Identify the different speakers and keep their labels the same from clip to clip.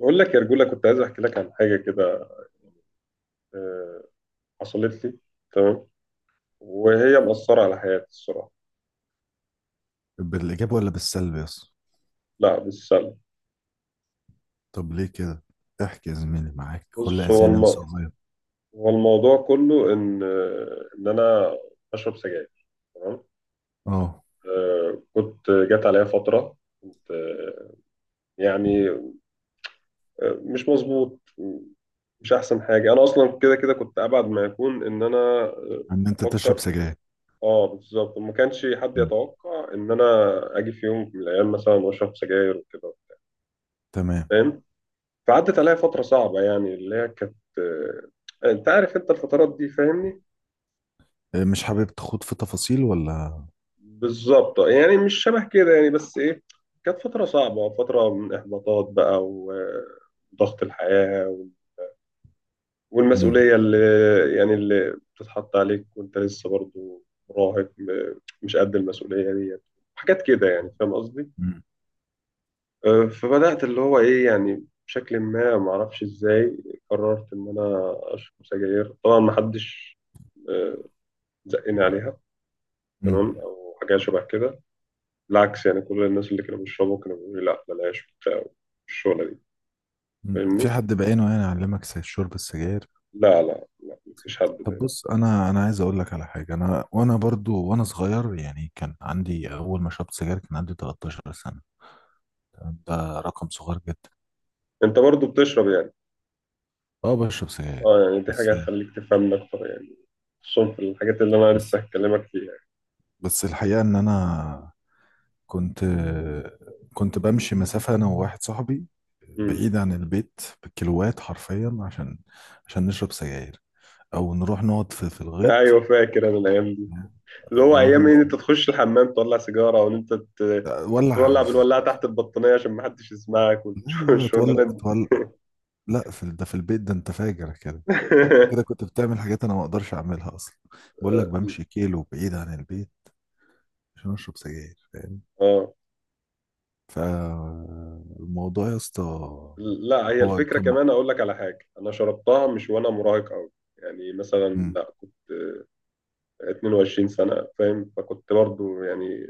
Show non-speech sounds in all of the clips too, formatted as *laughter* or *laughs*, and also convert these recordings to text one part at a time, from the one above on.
Speaker 1: بقول لك يا رجولة، كنت عايز أحكي لك عن حاجة كده. آه، حصلت لي. تمام. وهي مأثرة على حياتي الصراحة.
Speaker 2: بالإيجاب ولا بالسلب يا اسطى؟
Speaker 1: لا بالسلب.
Speaker 2: طب ليه كده؟ احكي يا زميلي، معاك كل
Speaker 1: بص،
Speaker 2: أذان صغير.
Speaker 1: هو الموضوع كله إن إن أنا بشرب سجاير. تمام.
Speaker 2: اه،
Speaker 1: كنت جات عليا فترة. كنت آه، يعني آه، مش مظبوط. مش أحسن حاجة، أنا أصلا كده كده كنت أبعد ما يكون إن أنا
Speaker 2: ان انت تشرب
Speaker 1: أفكر.
Speaker 2: سجاير.
Speaker 1: اه بالظبط، ما كانش حد
Speaker 2: مم.
Speaker 1: يتوقع ان انا اجي في يوم من الايام مثلا واشرب سجاير وكده،
Speaker 2: تمام.
Speaker 1: فاهم. فعدت عليا فترة صعبة، يعني اللي هي كانت انت عارف انت الفترات دي، فاهمني.
Speaker 2: إيه، مش حابب تخوض في تفاصيل ولا؟
Speaker 1: بالظبط، يعني مش شبه كده يعني، بس ايه، كانت فترة صعبة، فترة من احباطات بقى وضغط الحياة
Speaker 2: مم.
Speaker 1: والمسؤولية اللي يعني اللي بتتحط عليك وانت لسه برضو مراهق، مش قد المسؤولية دي، حاجات كده يعني، فاهم قصدي.
Speaker 2: مم.
Speaker 1: فبدأت اللي هو ايه، يعني بشكل ما معرفش ازاي قررت ان انا اشرب سجاير. طبعا محدش زقني عليها.
Speaker 2: مم.
Speaker 1: تمام، او حاجه شبه كده. بالعكس يعني، كل الناس اللي كانوا بيشربوا كانوا بيقولوا لي لا بلاش وبتاع الشغله دي،
Speaker 2: مم. في
Speaker 1: فاهمني.
Speaker 2: حد بعينه يعني علمك شرب السجاير؟
Speaker 1: لا لا لا، مفيش حد
Speaker 2: طب
Speaker 1: باين.
Speaker 2: بص، انا عايز اقول لك على حاجه. انا وانا برضو وانا صغير يعني كان عندي، اول ما شربت سجاير كان عندي 13 سنه. تمام؟ ده رقم صغير جدا.
Speaker 1: انت برضو بتشرب يعني.
Speaker 2: اه بشرب سجاير.
Speaker 1: اه، يعني دي
Speaker 2: بس
Speaker 1: حاجه هتخليك تفهمني اكتر يعني، خصوصا في الحاجات اللي انا لسه
Speaker 2: بس
Speaker 1: هكلمك فيها يعني.
Speaker 2: بس الحقيقه ان انا كنت كنت بمشي مسافة أنا وواحد صاحبي
Speaker 1: امم.
Speaker 2: بعيد عن البيت بالكيلوات حرفيا، عشان نشرب سجاير، أو نروح نقعد في
Speaker 1: *laughs*
Speaker 2: الغيط.
Speaker 1: ايوه، فاكر انا الايام دي، اللي هو
Speaker 2: ونروح
Speaker 1: ايام إيه؟
Speaker 2: نقعد
Speaker 1: ان
Speaker 2: في-
Speaker 1: انت تخش الحمام تولع سيجاره وان انت
Speaker 2: ولع
Speaker 1: تولع
Speaker 2: في-
Speaker 1: بالولاعه تحت البطانيه عشان ما حدش يسمعك،
Speaker 2: لا لا لا، تولع
Speaker 1: والشغلانه *laughs* دي.
Speaker 2: تولع. لا في ده، في البيت ده أنت فاجر كده. كده كنت بتعمل حاجات أنا ما أقدرش أعملها أصلا. بقول لك بمشي
Speaker 1: *laughs*
Speaker 2: كيلو بعيد عن البيت عشان أشرب سجاير، فاهم؟
Speaker 1: اه.
Speaker 2: فالموضوع يا اسطى،
Speaker 1: لا، هي
Speaker 2: هو
Speaker 1: الفكرة
Speaker 2: كان.
Speaker 1: كمان، أقول لك على حاجة. أنا شربتها مش وأنا مراهق أوي، يعني مثلا،
Speaker 2: مم.
Speaker 1: لا كنت 22 سنة فاهم، فكنت برضو يعني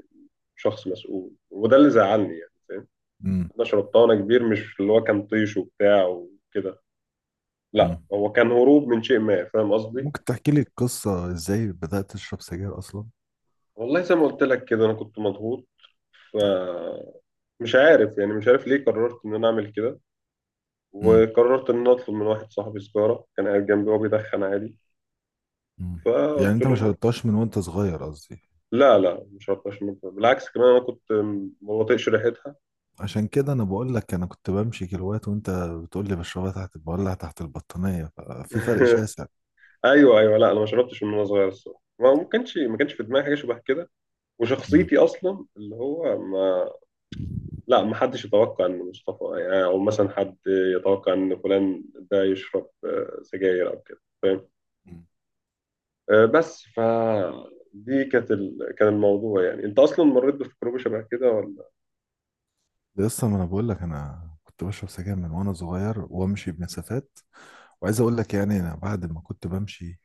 Speaker 1: شخص مسؤول، وده اللي زعلني يعني، فاهم.
Speaker 2: مم.
Speaker 1: أنا شربتها وأنا كبير، مش اللي هو كان طيش وبتاع وكده. لا،
Speaker 2: مم.
Speaker 1: هو كان هروب من شيء ما، فاهم قصدي.
Speaker 2: ممكن تحكي لي القصة ازاي بدأت تشرب سجاير اصلا؟
Speaker 1: والله زي ما قلت لك كده، أنا كنت مضغوط، فمش عارف يعني، مش عارف ليه قررت إن أنا أعمل كده،
Speaker 2: امم.
Speaker 1: وقررت إن أنا أطلب من واحد صاحبي سيجارة كان قاعد جنبي وهو بيدخن عادي،
Speaker 2: امم. يعني
Speaker 1: فقلت
Speaker 2: انت ما
Speaker 1: له.
Speaker 2: شربتهاش من وانت صغير قصدي؟
Speaker 1: لا لا، مش شربتهاش من وأنا- بالعكس، كمان انا كنت ما بطيقش ريحتها.
Speaker 2: عشان كده انا بقول لك، انا كنت بمشي كيلوات وانت بتقول لي بشربها تحت، بولع تحت البطانية، ففي فرق
Speaker 1: *laughs*
Speaker 2: شاسع.
Speaker 1: ايوه ايوه، لا انا ما شربتش من وانا صغير الصراحه، ما كانش في دماغي حاجه شبه كده،
Speaker 2: امم.
Speaker 1: وشخصيتي اصلا اللي هو ما. لا، ما حدش يتوقع ان مصطفى يعني، او مثلا حد يتوقع ان فلان ده يشرب سجاير او كده، فاهم. آه، بس ف دي كانت كان الموضوع، يعني انت اصلا مريت بتجربه شبه كده ولا؟
Speaker 2: ده لسه، ما انا بقول لك انا كنت بشرب سجاير من وانا صغير وامشي بمسافات. وعايز اقول لك يعني انا بعد ما كنت بمشي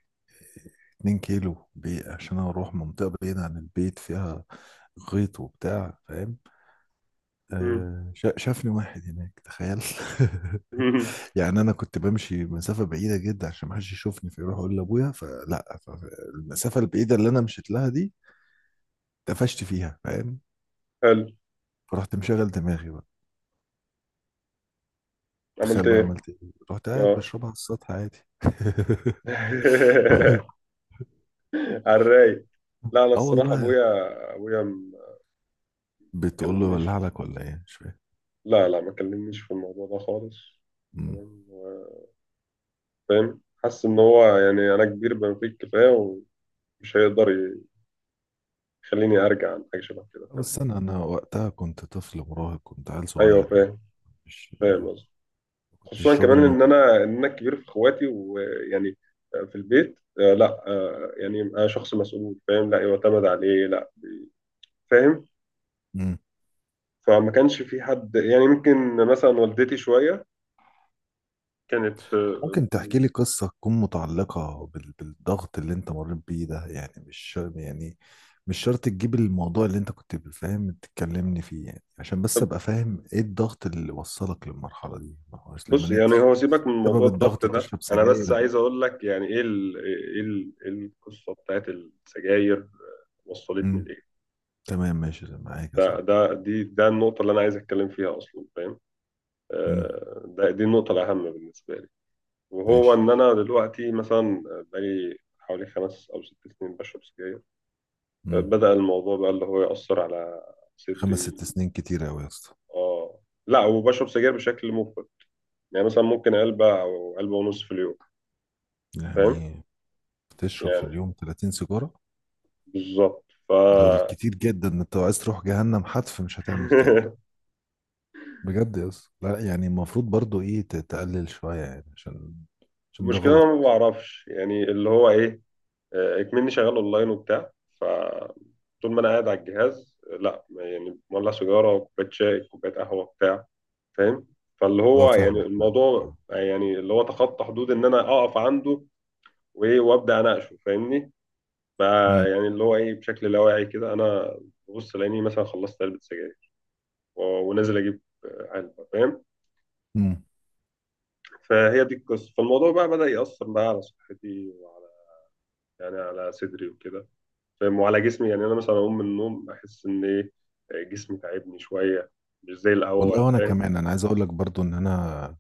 Speaker 2: 2 كيلو بي، عشان اروح منطقة بعيدة عن البيت فيها غيط وبتاع، فاهم؟
Speaker 1: مم.
Speaker 2: شافني واحد هناك، تخيل. *laughs*
Speaker 1: *laughs*
Speaker 2: يعني انا كنت بمشي مسافه بعيده جدا عشان ما حدش يشوفني فيروح اقول لابويا، فلا المسافه البعيده اللي انا مشيت لها دي، اتقفشت فيها، فاهم.
Speaker 1: حلو.
Speaker 2: فرحت مشغل دماغي بقى.
Speaker 1: عملت
Speaker 2: تخيل بقى
Speaker 1: ايه؟
Speaker 2: عملت ايه، رحت قاعد
Speaker 1: اه.
Speaker 2: بشربها على السطح عادي. *laughs*
Speaker 1: *laughs* على الرايق. لا، انا
Speaker 2: اه
Speaker 1: الصراحه
Speaker 2: والله.
Speaker 1: ابويا، ابويا م- ما
Speaker 2: بتقول له
Speaker 1: كلمنيش.
Speaker 2: ولع لك ولا ايه؟ مش فاهم.
Speaker 1: لا لا، ما كلمنيش في الموضوع ده خالص.
Speaker 2: مم.
Speaker 1: تمام، هو فاهم، حاسس ان هو، يعني انا كبير بما فيه الكفايه، ومش هيقدر يخليني ارجع عن حاجه شبه كده، فاهم.
Speaker 2: بس انا وقتها كنت طفل مراهق، كنت عيل
Speaker 1: ايوه،
Speaker 2: صغير يعني.
Speaker 1: فاهم.
Speaker 2: مش
Speaker 1: فاهم قصدي.
Speaker 2: ما
Speaker 1: خصوصا
Speaker 2: كنتش راجل
Speaker 1: كمان ان
Speaker 2: ناضج.
Speaker 1: انا الكبير في اخواتي ويعني في البيت، آه، لا آه، يعني انا شخص مسؤول، فاهم، لا يعتمد عليه لا، فاهم.
Speaker 2: إمم.
Speaker 1: فما كانش في حد يعني، ممكن مثلا والدتي شويه كانت
Speaker 2: ممكن تحكي لي قصة تكون متعلقة بالضغط اللي انت مريت بيه ده يعني؟ مش شرط يعني، مش شرط تجيب الموضوع اللي انت كنت فاهم تتكلمني فيه، يعني عشان بس ابقى فاهم ايه الضغط اللي وصلك للمرحلة دي. ما هو اصل
Speaker 1: بص، يعني هو سيبك من موضوع
Speaker 2: سبب
Speaker 1: الضغط
Speaker 2: الضغط
Speaker 1: ده،
Speaker 2: تشرب
Speaker 1: انا بس
Speaker 2: سجاير
Speaker 1: عايز
Speaker 2: ده.
Speaker 1: اقول لك يعني ايه ال ايه ال إيه القصه بتاعت السجاير وصلتني
Speaker 2: امم.
Speaker 1: لايه.
Speaker 2: تمام، ماشي معاك يا
Speaker 1: ده
Speaker 2: صاحبي.
Speaker 1: ده دي ده النقطه اللي انا عايز اتكلم فيها اصلا، فاهم.
Speaker 2: امم.
Speaker 1: دي النقطه الاهم بالنسبه لي، وهو
Speaker 2: ماشي.
Speaker 1: ان انا دلوقتي مثلا بقالي حوالي 5 او 6 سنين بشرب سجاير.
Speaker 2: امم.
Speaker 1: بدأ الموضوع بقى اللي هو يأثر على
Speaker 2: خمس
Speaker 1: صدري.
Speaker 2: ست سنين كتير قوي يا اسطى.
Speaker 1: اه، لا، وبشرب سجاير بشكل مفرط، يعني مثلا ممكن علبه او علبه ونص في اليوم، فاهم
Speaker 2: يعني بتشرب في
Speaker 1: يعني
Speaker 2: اليوم 30 سيجارة؟
Speaker 1: بالظبط ف.
Speaker 2: دول كتير جدا، انت لو عايز تروح جهنم حتف مش هتعمل
Speaker 1: *laughs*
Speaker 2: كده. بجد يس لا، يعني المفروض برضو ايه تقلل شوية يعني، عشان ده
Speaker 1: المشكله
Speaker 2: غلط.
Speaker 1: انا ما بعرفش يعني اللي هو ايه، اكمني شغال اونلاين وبتاع، فطول ما انا قاعد على الجهاز لا يعني، مولع سيجاره، كوبايه شاي، كوبايه قهوه بتاع، فاهم. فاللي
Speaker 2: اه
Speaker 1: هو يعني
Speaker 2: فاهم فاهم.
Speaker 1: الموضوع يعني اللي هو تخطى حدود ان انا اقف عنده وايه وابدا اناقشه، فاهمني. بقى
Speaker 2: امم.
Speaker 1: يعني اللي هو ايه، بشكل لا واعي كده انا ببص لاني مثلا خلصت علبه سجاير، ونازل اجيب علبه، فاهم.
Speaker 2: امم.
Speaker 1: فهي دي القصه. فالموضوع بقى بدأ يأثر بقى على صحتي، وعلى يعني على صدري وكده، فاهم، وعلى جسمي، يعني انا مثلا اقوم من النوم احس ان ايه، جسمي تعبني شويه، مش زي
Speaker 2: والله
Speaker 1: الاول،
Speaker 2: وانا
Speaker 1: فاهم.
Speaker 2: كمان انا عايز اقول لك برضو ان انا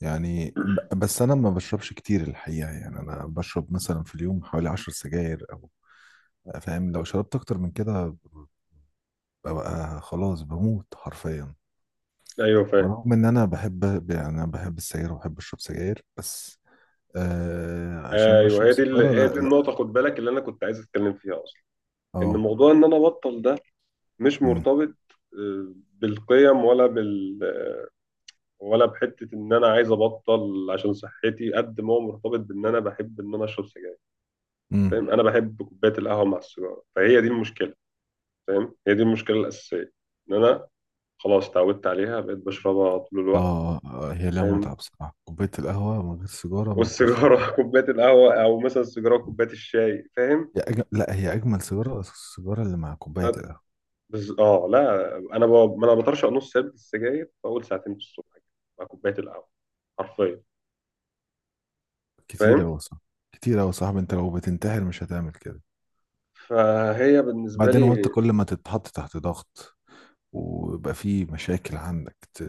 Speaker 2: يعني بس انا ما بشربش كتير الحقيقة. يعني انا بشرب مثلا في اليوم حوالي 10 سجاير او، فاهم، لو شربت اكتر من كده ببقى خلاص بموت حرفيا.
Speaker 1: ايوه، فاهم.
Speaker 2: رغم ان انا بحب، يعني انا بحب السجاير وبحب اشرب سجاير، بس عشان
Speaker 1: ايوه،
Speaker 2: اشرب سيجارة
Speaker 1: هي
Speaker 2: لا
Speaker 1: دي
Speaker 2: لا.
Speaker 1: النقطه، خد بالك، اللي انا كنت عايز اتكلم فيها اصلا، ان
Speaker 2: اه.
Speaker 1: موضوع ان انا ابطل ده مش مرتبط بالقيم ولا بال، ولا بحته ان انا عايز ابطل عشان صحتي، قد ما هو مرتبط بان انا بحب ان انا اشرب سجاير،
Speaker 2: امم.
Speaker 1: فاهم. انا بحب كوبايه القهوه مع السيجاره، فهي دي المشكله، فاهم. هي دي المشكله الاساسيه، ان انا خلاص اتعودت عليها، بقيت بشربها طول الوقت،
Speaker 2: اه. هي لها متعة
Speaker 1: فاهم.
Speaker 2: بصراحة، كوباية القهوة من غير سيجارة ما تبقاش لها طعم.
Speaker 1: والسيجاره *laughs* كوبايه القهوه، او مثلا السيجاره كوبايه الشاي، فاهم.
Speaker 2: لا هي أجمل سيجارة، السيجارة اللي مع كوباية القهوة.
Speaker 1: بس اه، لا انا ب... ما انا بطرشق نص علبه السجاير في اول ساعتين في الصبح كده، مع كوبايه القهوه، حرفيا،
Speaker 2: كتير
Speaker 1: فاهم.
Speaker 2: أوي صح. كتير أوي يا صاحبي، أنت لو بتنتحر مش هتعمل كده.
Speaker 1: فهي بالنسبه
Speaker 2: بعدين وأنت
Speaker 1: لي،
Speaker 2: كل ما تتحط تحت ضغط ويبقى في مشاكل عندك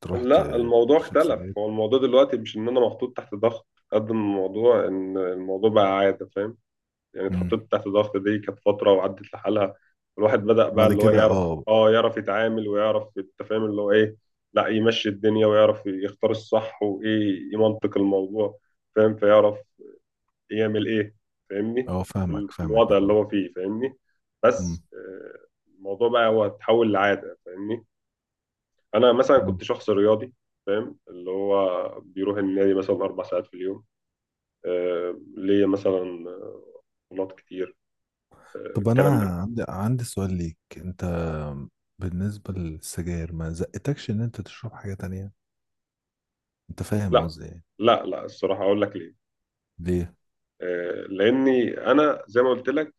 Speaker 2: تروح
Speaker 1: لا الموضوع
Speaker 2: تشرب
Speaker 1: اختلف.
Speaker 2: سجاير.
Speaker 1: هو الموضوع دلوقتي مش ان انا محطوط تحت ضغط، قد ما الموضوع ان الموضوع بقى عاده، فاهم. يعني
Speaker 2: امم.
Speaker 1: اتحطيت تحت الضغط، دي كانت فترة وعدت لحالها. الواحد بدأ بقى
Speaker 2: بعد
Speaker 1: اللي هو
Speaker 2: كده
Speaker 1: يعرف،
Speaker 2: اه.
Speaker 1: اه يعرف يتعامل ويعرف التفاهم اللي هو ايه، لا يمشي الدنيا ويعرف يختار الصح وايه يمنطق الموضوع، فاهم، فيعرف يعمل ايه، فاهمني.
Speaker 2: اه فاهمك
Speaker 1: في
Speaker 2: فاهمك يا
Speaker 1: الوضع اللي
Speaker 2: زميلي.
Speaker 1: هو فيه، فاهمني.
Speaker 2: امم.
Speaker 1: بس الموضوع بقى هو اتحول لعادة، فاهمني. انا مثلا
Speaker 2: أمم.
Speaker 1: كنت شخص رياضي، فاهم، اللي هو بيروح النادي مثلا 4 ساعات في اليوم. ليا مثلا بطولات كتير،
Speaker 2: طب أنا
Speaker 1: الكلام ده.
Speaker 2: عندي سؤال ليك أنت، بالنسبة للسجاير. ما زقتكش إن أنت تشرب حاجة تانية؟ انت فاهم
Speaker 1: لا
Speaker 2: قصدي يعني.
Speaker 1: لا لا، الصراحة أقول لك ليه.
Speaker 2: ليه؟
Speaker 1: لأني أنا زي ما قلت لك،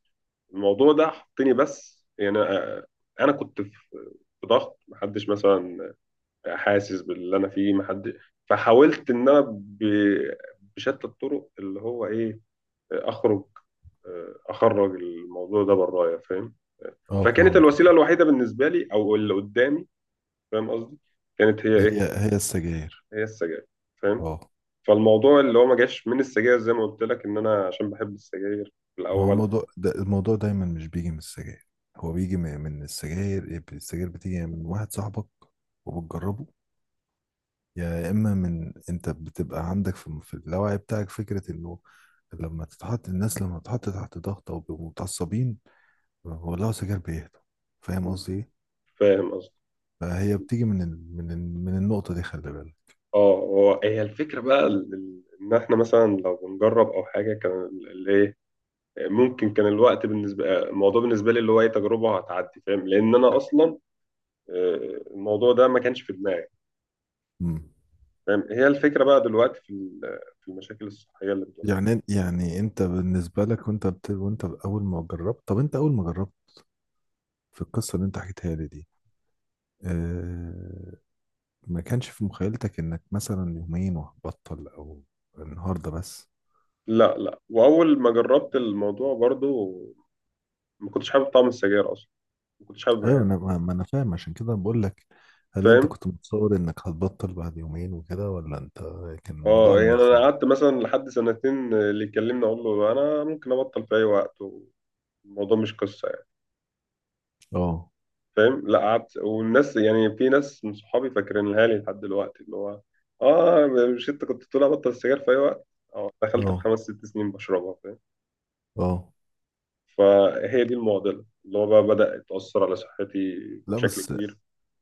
Speaker 1: الموضوع ده حطني بس يعني. أنا كنت في في ضغط، محدش مثلا حاسس باللي أنا فيه محد، فحاولت إن أنا بشتى الطرق اللي هو إيه، آه، أخرج أخرج الموضوع ده برايا، فاهم.
Speaker 2: اه
Speaker 1: فكانت
Speaker 2: فاهمك يا
Speaker 1: الوسيلة
Speaker 2: صاحبي.
Speaker 1: الوحيدة بالنسبة لي، أو اللي قدامي، فاهم قصدي، كانت هي
Speaker 2: هي
Speaker 1: إيه،
Speaker 2: هي السجاير.
Speaker 1: هي السجاير، فاهم.
Speaker 2: اه
Speaker 1: فالموضوع اللي هو ما جاش من السجاير، زي ما قلت لك ان انا عشان بحب السجاير في
Speaker 2: ما هو
Speaker 1: الاول،
Speaker 2: موضوع ده، الموضوع دايما مش بيجي من السجاير، هو بيجي من السجاير. إيه، السجاير بتيجي من واحد صاحبك وبتجربه، يا اما من انت بتبقى عندك في اللاوعي بتاعك فكرة انه لما تتحط الناس، لما تتحط تحت ضغط او بيبقوا متعصبين ولو سجاير بيهدوا، فاهم قصدي ايه.
Speaker 1: فاهم قصدي.
Speaker 2: فهي بتيجي من ال... من النقطة دي خلي بالك.
Speaker 1: اه، هو هي الفكره بقى ان احنا مثلا لو بنجرب او حاجه، كان الايه، ممكن كان الوقت بالنسبه، الموضوع بالنسبه لي اللي هو اي تجربه هتعدي، فاهم، لان انا اصلا الموضوع ده ما كانش في دماغي،
Speaker 2: مم.
Speaker 1: فاهم. هي الفكره بقى دلوقتي في المشاكل الصحيه اللي بتواجهني.
Speaker 2: يعني انت بالنسبه لك وانت اول ما جربت. طب انت اول ما جربت في القصه اللي انت حكيتها لي دي، اه... ما كانش في مخيلتك انك مثلا يومين وهتبطل، او النهارده بس؟
Speaker 1: لا لا، واول ما جربت الموضوع برضو ما كنتش حابب طعم السجاير اصلا، ما كنتش حابب
Speaker 2: ايوه
Speaker 1: ريحتها،
Speaker 2: انا ما ما انا فاهم، عشان كده بقول لك، هل انت
Speaker 1: فاهم.
Speaker 2: كنت متصور انك هتبطل بعد يومين وكده، ولا انت كان الموضوع
Speaker 1: اه،
Speaker 2: عامل
Speaker 1: يعني انا
Speaker 2: ازاي؟
Speaker 1: قعدت مثلا لحد سنتين، اللي يكلمني اقول له انا ممكن ابطل في اي وقت، الموضوع مش قصه يعني،
Speaker 2: اه.
Speaker 1: فاهم. لا قعدت، والناس يعني في ناس من صحابي فاكرينها لي لحد دلوقتي اللي هو، اه، مش انت كنت تقول ابطل السجاير في اي وقت. اه، دخلت في
Speaker 2: اه.
Speaker 1: 5 6 سنين بشربها، فاهم.
Speaker 2: اه
Speaker 1: فهي دي المعضله اللي هو بقى بدأ يتأثر على صحتي
Speaker 2: لا
Speaker 1: بشكل
Speaker 2: بس،
Speaker 1: كبير.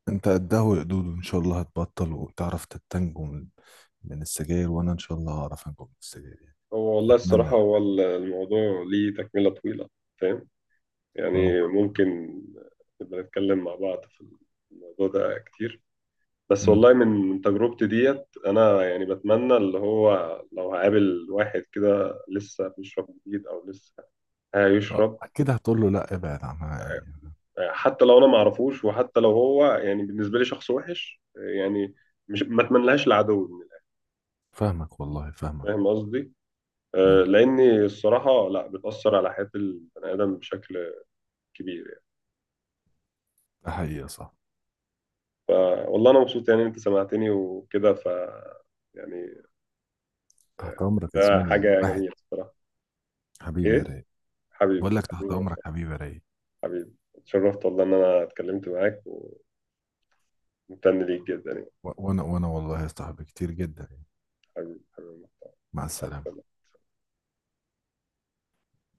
Speaker 2: انت قدها وقدود، وان شاء الله هتبطل وتعرف تتنجم من السجاير، وانا ان شاء الله هعرف انجم من السجاير.
Speaker 1: هو والله
Speaker 2: يعني
Speaker 1: الصراحه،
Speaker 2: اتمنى.
Speaker 1: هو الموضوع ليه تكمله طويله، فاهم.
Speaker 2: اه.
Speaker 1: يعني ممكن نبقى نتكلم مع بعض في الموضوع ده كتير، بس
Speaker 2: امم.
Speaker 1: والله من تجربتي ديت أنا يعني بتمنى اللي هو، لو هقابل واحد كده لسه بيشرب جديد أو لسه
Speaker 2: اه
Speaker 1: هيشرب،
Speaker 2: اكيد هتقول له لا ابعد عنها يعني.
Speaker 1: حتى لو أنا معرفوش، وحتى لو هو يعني بالنسبة لي شخص وحش يعني، مش ما أتمنلهاش العدو من الآخر.
Speaker 2: فاهمك والله فاهمك.
Speaker 1: فاهم قصدي؟
Speaker 2: امم.
Speaker 1: لأني الصراحة لا بتأثر على حياة البني آدم بشكل كبير يعني.
Speaker 2: ده حقيقة صح.
Speaker 1: فوالله أنا مبسوط يعني أنت سمعتني وكده، ف يعني،
Speaker 2: تحت امرك يا
Speaker 1: ده
Speaker 2: زميلي يا
Speaker 1: حاجة
Speaker 2: واحد،
Speaker 1: جميلة بصراحة.
Speaker 2: حبيبي يا
Speaker 1: إيه،
Speaker 2: رايق.
Speaker 1: حبيبي
Speaker 2: بقول لك تحت
Speaker 1: حبيبي.
Speaker 2: امرك حبيبي يا رايق.
Speaker 1: حبيبي، اتشرفت والله إن أنا اتكلمت معاك، وممتن ليك جدا يعني.
Speaker 2: وانا والله يا صاحبي كتير جدا يعني.
Speaker 1: حبيبي حبيبي. مع
Speaker 2: مع السلامة.
Speaker 1: السلامة.